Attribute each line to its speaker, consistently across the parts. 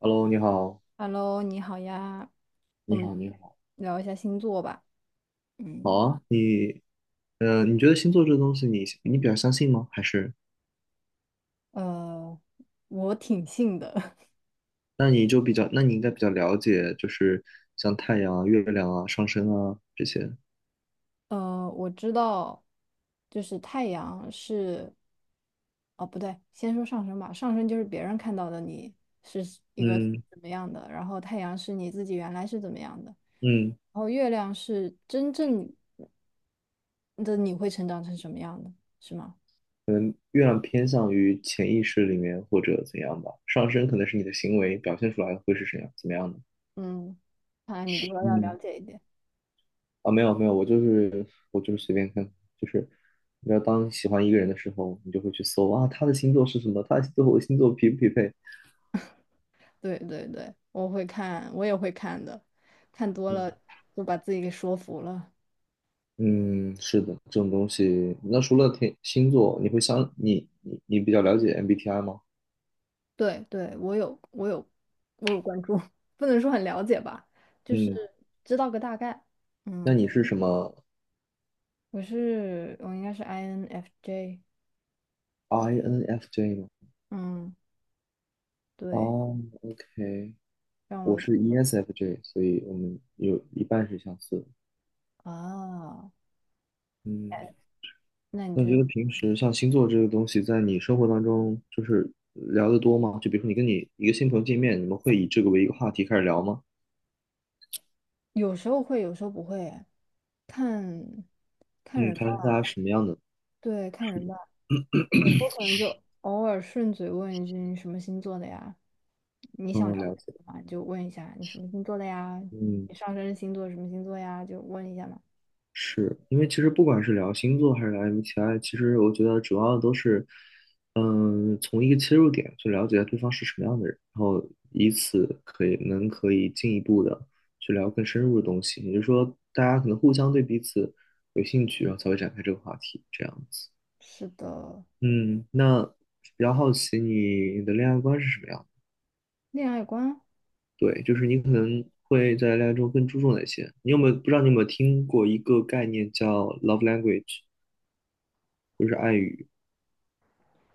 Speaker 1: Hello，你好。
Speaker 2: Hello，你好呀，我
Speaker 1: 你
Speaker 2: 们
Speaker 1: 好，你好。
Speaker 2: 聊一下星座吧。
Speaker 1: 好
Speaker 2: 嗯，
Speaker 1: 啊，你，你觉得星座这个东西你比较相信吗？还是，
Speaker 2: 呃，我挺信的。
Speaker 1: 那你应该比较了解，就是像太阳啊、月亮啊、上升啊这些。
Speaker 2: 我知道，就是太阳是，哦，不对，先说上升吧。上升就是别人看到的你是一个
Speaker 1: 嗯
Speaker 2: 怎么样的，然后太阳是你自己原来是怎么样的，
Speaker 1: 嗯，
Speaker 2: 然后月亮是真正的你会成长成什么样的，是吗？
Speaker 1: 可能月亮偏向于潜意识里面或者怎样吧，上升可能是你的行为表现出来会是怎样怎么样的？
Speaker 2: 嗯，看来你比我要了
Speaker 1: 嗯，
Speaker 2: 解一点。
Speaker 1: 啊，没有没有，我就是随便看，就是当你喜欢一个人的时候，你就会去搜啊，他的星座是什么，他的星座和我的星座匹不匹配？
Speaker 2: 对对对，我会看，我也会看的，看多
Speaker 1: 嗯。
Speaker 2: 了就把自己给说服了。
Speaker 1: 嗯，是的，这种东西。那除了天星座，你会相你你你比较了解 MBTI 吗？
Speaker 2: 对对，我有关注，不能说很了解吧，就是
Speaker 1: 嗯，
Speaker 2: 知道个大概。
Speaker 1: 那
Speaker 2: 嗯，
Speaker 1: 你是什么？
Speaker 2: 我应该是 INFJ。
Speaker 1: INFJ 吗？
Speaker 2: 嗯，对，
Speaker 1: 哦，OK，
Speaker 2: 让
Speaker 1: 我
Speaker 2: 我
Speaker 1: 是 ESFJ，所以我们有一半是相似的。
Speaker 2: 啊，
Speaker 1: 嗯，
Speaker 2: 那你
Speaker 1: 那
Speaker 2: 就
Speaker 1: 你觉得平时像星座这个东西，在你生活当中就是聊得多吗？就比如说你跟你一个新朋友见面，你们会以这个为一个话题开始聊吗？
Speaker 2: 有时候会，有时候不会啊，看看
Speaker 1: 嗯，
Speaker 2: 人
Speaker 1: 他
Speaker 2: 吧。
Speaker 1: 是大家什么样的？
Speaker 2: 对，看人吧。我可能就偶尔顺嘴问一句你什么星座的呀？你想了
Speaker 1: 嗯，
Speaker 2: 解
Speaker 1: 了解。
Speaker 2: 什么？就问一下你什么星座的呀？
Speaker 1: 嗯。
Speaker 2: 你上升星座什么星座呀？就问一下嘛。
Speaker 1: 是因为其实不管是聊星座还是聊 MBTI，其实我觉得主要都是，嗯，从一个切入点去了解对方是什么样的人，然后以此可以进一步的去聊更深入的东西。也就是说，大家可能互相对彼此有兴趣，然后才会展开这个话题，这样子。
Speaker 2: 是的，
Speaker 1: 嗯，那比较好奇你的恋爱观是什么样的？
Speaker 2: 恋爱观
Speaker 1: 对，就是你可能会在恋爱中更注重哪些？你有没有不知道你有没有听过一个概念叫 love language？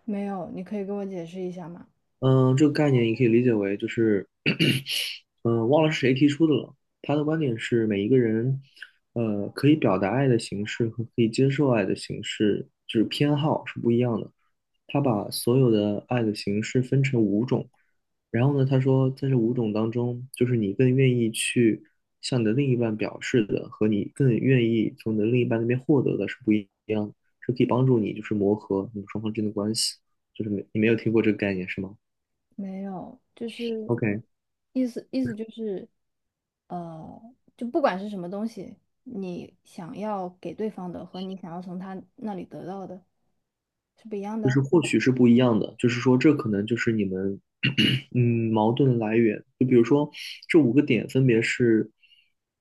Speaker 2: 没有，你可以给我解释一下吗？
Speaker 1: 嗯，这个概念你可以理解为就是，嗯，忘了是谁提出的了。他的观点是，每一个人，可以表达爱的形式和可以接受爱的形式，就是偏好是不一样的。他把所有的爱的形式分成五种，然后呢，他说在这五种当中，就是你更愿意去向你的另一半表示的，和你更愿意从你的另一半那边获得的是不一样的。这可以帮助你就是磨合你们双方之间的关系。就是没，你没有听过这个概念是吗？
Speaker 2: 没有，就是
Speaker 1: OK，
Speaker 2: 意思就是，就不管是什么东西，你想要给对方的和你想要从他那里得到的是不一样
Speaker 1: 就
Speaker 2: 的。
Speaker 1: 是或许是不一样的，就是说这可能就是你们 矛盾的来源。就比如说这五个点分别是，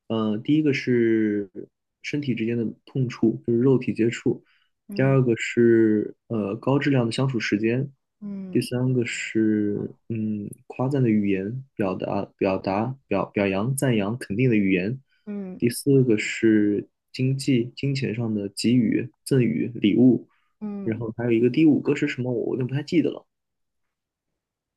Speaker 1: 第一个是身体之间的碰触，就是肉体接触；第
Speaker 2: 嗯
Speaker 1: 二个是高质量的相处时间；第
Speaker 2: 嗯
Speaker 1: 三个是夸赞的语言，表达表扬赞扬肯定的语言；
Speaker 2: 嗯
Speaker 1: 第四个是经济金钱上的给予赠与礼物。然
Speaker 2: 嗯，
Speaker 1: 后还有一个第五个是什么，我有点不太记得了。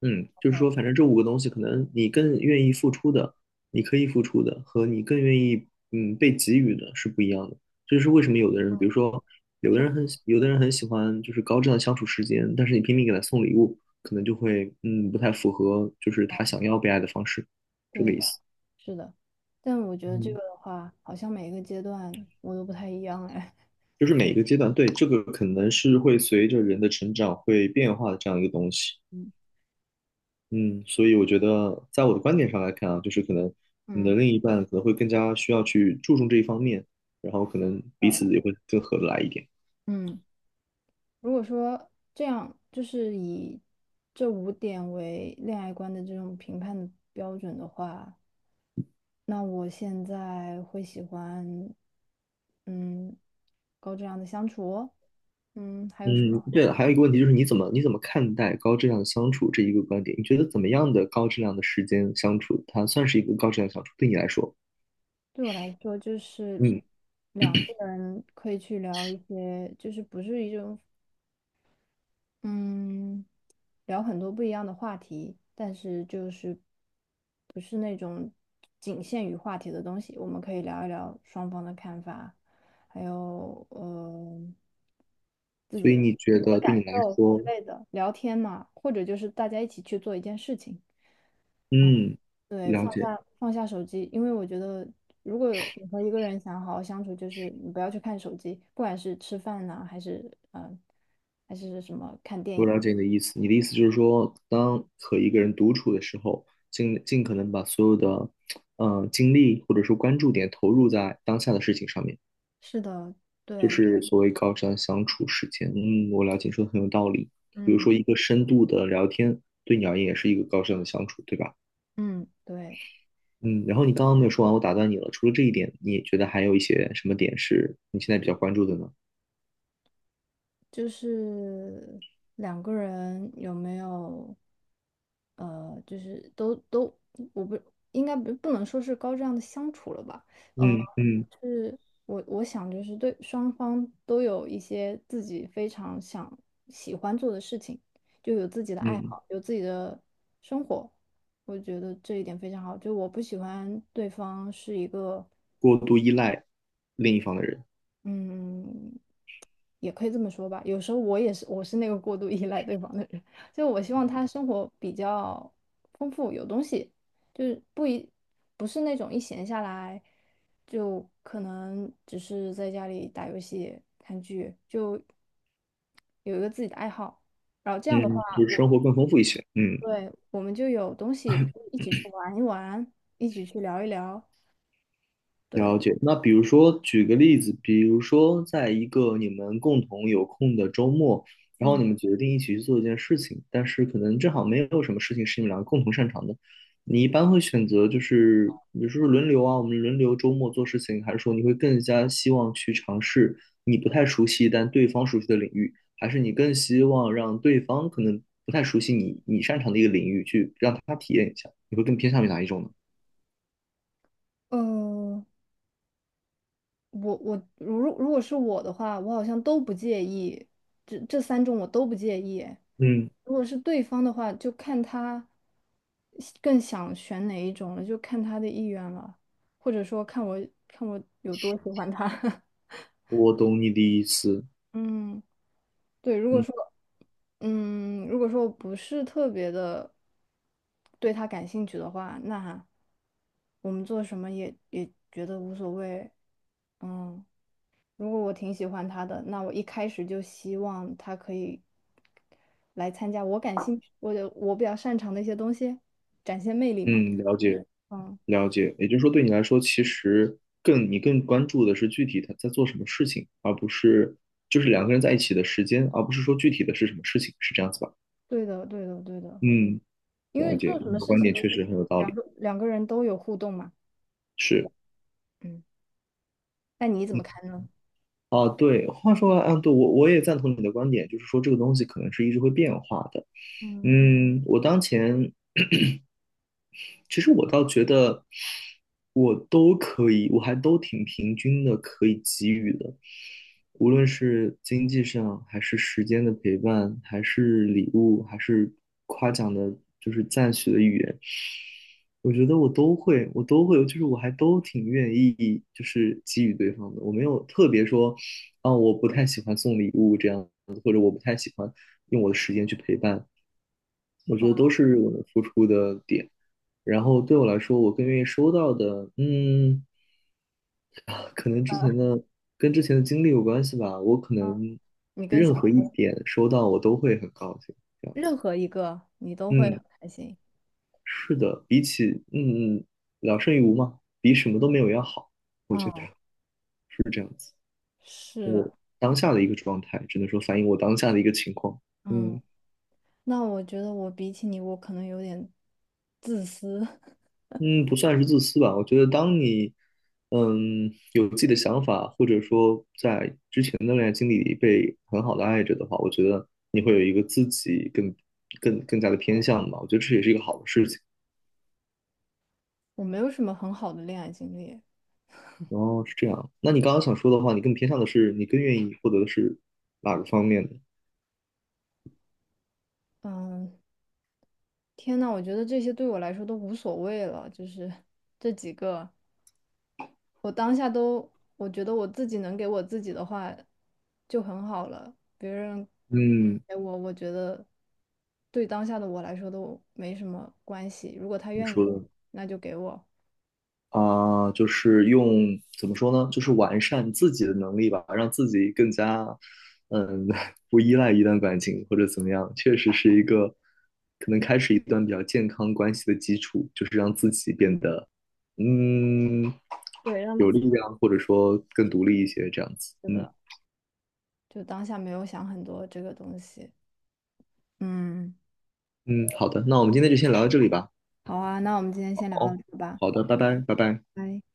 Speaker 1: 嗯，就是说，反正这五个东西，可能你更愿意付出的，你可以付出的，和你更愿意被给予的是不一样的。这就是为什么有的人，
Speaker 2: 嗯，
Speaker 1: 比如说
Speaker 2: 确
Speaker 1: 有的人很喜欢就是高质量相处时间，但是你拼命给他送礼物，可能就会不太符合就是他想要被爱的方式，这
Speaker 2: 对
Speaker 1: 个意
Speaker 2: 的，
Speaker 1: 思。
Speaker 2: 是的，但我觉得这
Speaker 1: 嗯，
Speaker 2: 个的话，好像每个阶段我都不太一样哎。
Speaker 1: 就是每一个阶段，对，这个可能是会随着人的成长会变化的这样一个东西。
Speaker 2: 嗯
Speaker 1: 嗯，所以我觉得，在我的观点上来看啊，就是可能你
Speaker 2: 嗯，
Speaker 1: 的另一半可能会更加需要去注重这一方面，然后可能彼
Speaker 2: 呃，
Speaker 1: 此也会更合得来一点。
Speaker 2: 嗯，如果说这样，就是以这五点为恋爱观的这种评判的标准的话，那我现在会喜欢，嗯，高质量的相处哦，还有什
Speaker 1: 嗯，
Speaker 2: 么？
Speaker 1: 对了，还有一个问题就是你怎么看待高质量的相处这一个观点？你觉得怎么样的高质量的时间相处，它算是一个高质量相处？对你来说，
Speaker 2: 对我来说，就是
Speaker 1: 嗯，
Speaker 2: 两个人可以去聊一些，就是不是一种，嗯。聊很多不一样的话题，但是就是不是那种仅限于话题的东西，我们可以聊一聊双方的看法，还有自己
Speaker 1: 所以
Speaker 2: 的
Speaker 1: 你
Speaker 2: 自
Speaker 1: 觉
Speaker 2: 己的
Speaker 1: 得
Speaker 2: 感
Speaker 1: 对你来
Speaker 2: 受之
Speaker 1: 说，
Speaker 2: 类的，聊天嘛，或者就是大家一起去做一件事情。嗯，
Speaker 1: 嗯，
Speaker 2: 对，
Speaker 1: 了
Speaker 2: 放
Speaker 1: 解。
Speaker 2: 下放下手机，因为我觉得，如果你和一个人想好好相处，就是你不要去看手机，不管是吃饭呐、还是还是什么看电
Speaker 1: 我
Speaker 2: 影。
Speaker 1: 了解你的意思，你的意思就是说，当和一个人独处的时候，尽可能把所有的，精力或者说关注点投入在当下的事情上面，
Speaker 2: 是的，
Speaker 1: 就
Speaker 2: 对，
Speaker 1: 是所谓高瞻相处时间。嗯，我了解，你说的很有道理。比如
Speaker 2: 嗯。
Speaker 1: 说一个深度的聊天，对你而言也是一个高瞻的相处，对吧？
Speaker 2: 嗯，对，
Speaker 1: 嗯，然后你刚刚没有说完，我打断你了。除了这一点，你觉得还有一些什么点是你现在比较关注的呢？
Speaker 2: 就是两个人有没有，就是都，我不应该不不能说是高质量的相处了吧？呃，
Speaker 1: 嗯嗯
Speaker 2: 是我想就是对双方都有一些自己非常想喜欢做的事情，就有自己的爱
Speaker 1: 嗯，
Speaker 2: 好，有自己的生活，我觉得这一点非常好。就我不喜欢对方是一个。
Speaker 1: 过度依赖另一方的人，
Speaker 2: 嗯，也可以这么说吧。有时候我也是，我是那个过度依赖对方的人，就我希望他生活比较丰富，有东西，就是不是那种一闲下来就可能只是在家里打游戏、看剧，就有一个自己的爱好。然后这样的话，
Speaker 1: 嗯，就是
Speaker 2: 我
Speaker 1: 生活更丰富一些。嗯。
Speaker 2: 对我们就有东西可以一起去玩一玩，一起去聊一聊。对，
Speaker 1: 了解。那比如说，举个例子，比如说，在一个你们共同有空的周末，然后
Speaker 2: 嗯，
Speaker 1: 你们决定一起去做一件事情，但是可能正好没有什么事情是你们两个共同擅长的，你一般会选择就是，比如说轮流啊，我们轮流周末做事情，还是说你会更加希望去尝试你不太熟悉但对方熟悉的领域，还是你更希望让对方可能不太熟悉你擅长的一个领域去让他体验一下，你会更偏向于哪一种呢？
Speaker 2: 嗯、我我如如果是我的话，我好像都不介意，这三种我都不介意。
Speaker 1: 嗯，
Speaker 2: 如果是对方的话，就看他更想选哪一种了，就看他的意愿了，或者说看我有多喜欢他。
Speaker 1: 我懂你的意思。
Speaker 2: 嗯，对，
Speaker 1: 嗯。
Speaker 2: 如果说我不是特别的对他感兴趣的话，那我们做什么也觉得无所谓。嗯。如果我挺喜欢他的，那我一开始就希望他可以来参加我感兴趣、我比较擅长的一些东西，展现魅力嘛。
Speaker 1: 嗯，了解
Speaker 2: 嗯，
Speaker 1: 了解，也就是说，对你来说，其实你更关注的是具体他在做什么事情，而不是就是两个人在一起的时间，而不是说具体的是什么事情，是这样子吧？
Speaker 2: 对的，对的，对的，
Speaker 1: 嗯，
Speaker 2: 因
Speaker 1: 了
Speaker 2: 为
Speaker 1: 解，
Speaker 2: 做什
Speaker 1: 你
Speaker 2: 么
Speaker 1: 的
Speaker 2: 事
Speaker 1: 观
Speaker 2: 情，
Speaker 1: 点确实很有道理。
Speaker 2: 两个人都有互动嘛。
Speaker 1: 是，
Speaker 2: 嗯，那你怎
Speaker 1: 嗯，
Speaker 2: 么看呢？
Speaker 1: 啊，对，话说完对，我也赞同你的观点，就是说这个东西可能是一直会变化的。
Speaker 2: 嗯，
Speaker 1: 嗯，我当前 其实我倒觉得我都可以，我还都挺平均的，可以给予的，无论是经济上，还是时间的陪伴，还是礼物，还是夸奖的，就是赞许的语言，我觉得我都会，我都会，就是我还都挺愿意，就是给予对方的，我没有特别说，啊，我不太喜欢送礼物这样子，或者我不太喜欢用我的时间去陪伴，我觉得
Speaker 2: 哇
Speaker 1: 都是我能付出的点。然后对我来说，我更愿意收到的，嗯，啊可能之前的跟之前的经历有关系吧。我可能
Speaker 2: 你更想
Speaker 1: 任何一点收到，我都会很高兴，这样子。
Speaker 2: 任何一个你都会很
Speaker 1: 嗯，
Speaker 2: 开心。
Speaker 1: 是的，比起嗯嗯聊胜于无嘛，比什么都没有要好。我觉得
Speaker 2: 嗯，是，的，
Speaker 1: 当下的一个状态，只能说反映我当下的一个情况。
Speaker 2: 嗯，
Speaker 1: 嗯。
Speaker 2: 那我觉得我比起你，我可能有点自私，
Speaker 1: 嗯，不算是自私吧。我觉得，当你有自己的想法，或者说在之前的恋爱经历里被很好的爱着的话，我觉得你会有一个自己更加的偏向吧。我觉得这也是一个好的事情。
Speaker 2: 我没有什么很好的恋爱经历。
Speaker 1: 哦，是这样。那你刚刚想说的话，你更偏向的是，你更愿意获得的是哪个方面呢？
Speaker 2: 嗯，天呐，我觉得这些对我来说都无所谓了，就是这几个，我当下都，我觉得我自己能给我自己的话就很好了，别人
Speaker 1: 嗯，
Speaker 2: 给我，我觉得对当下的我来说都没什么关系。如果他
Speaker 1: 你
Speaker 2: 愿意
Speaker 1: 说
Speaker 2: 给，
Speaker 1: 的。
Speaker 2: 那就给我，
Speaker 1: 啊、就是用怎么说呢？就是完善自己的能力吧，让自己更加，嗯 不依赖一段感情或者怎么样，确实是一个可能开始一段比较健康关系的基础，就是让自己变得，嗯，
Speaker 2: 对，让
Speaker 1: 有
Speaker 2: 自
Speaker 1: 力量，或者说更独立一些，这样子。
Speaker 2: 己
Speaker 1: 嗯
Speaker 2: 的，就当下没有想很多这个东西。嗯，
Speaker 1: 嗯，好的，那我们今天就先聊到这里吧。
Speaker 2: 好啊，那我们今天先聊到
Speaker 1: 哦，
Speaker 2: 这吧，
Speaker 1: 好的，拜拜，拜拜。
Speaker 2: 拜。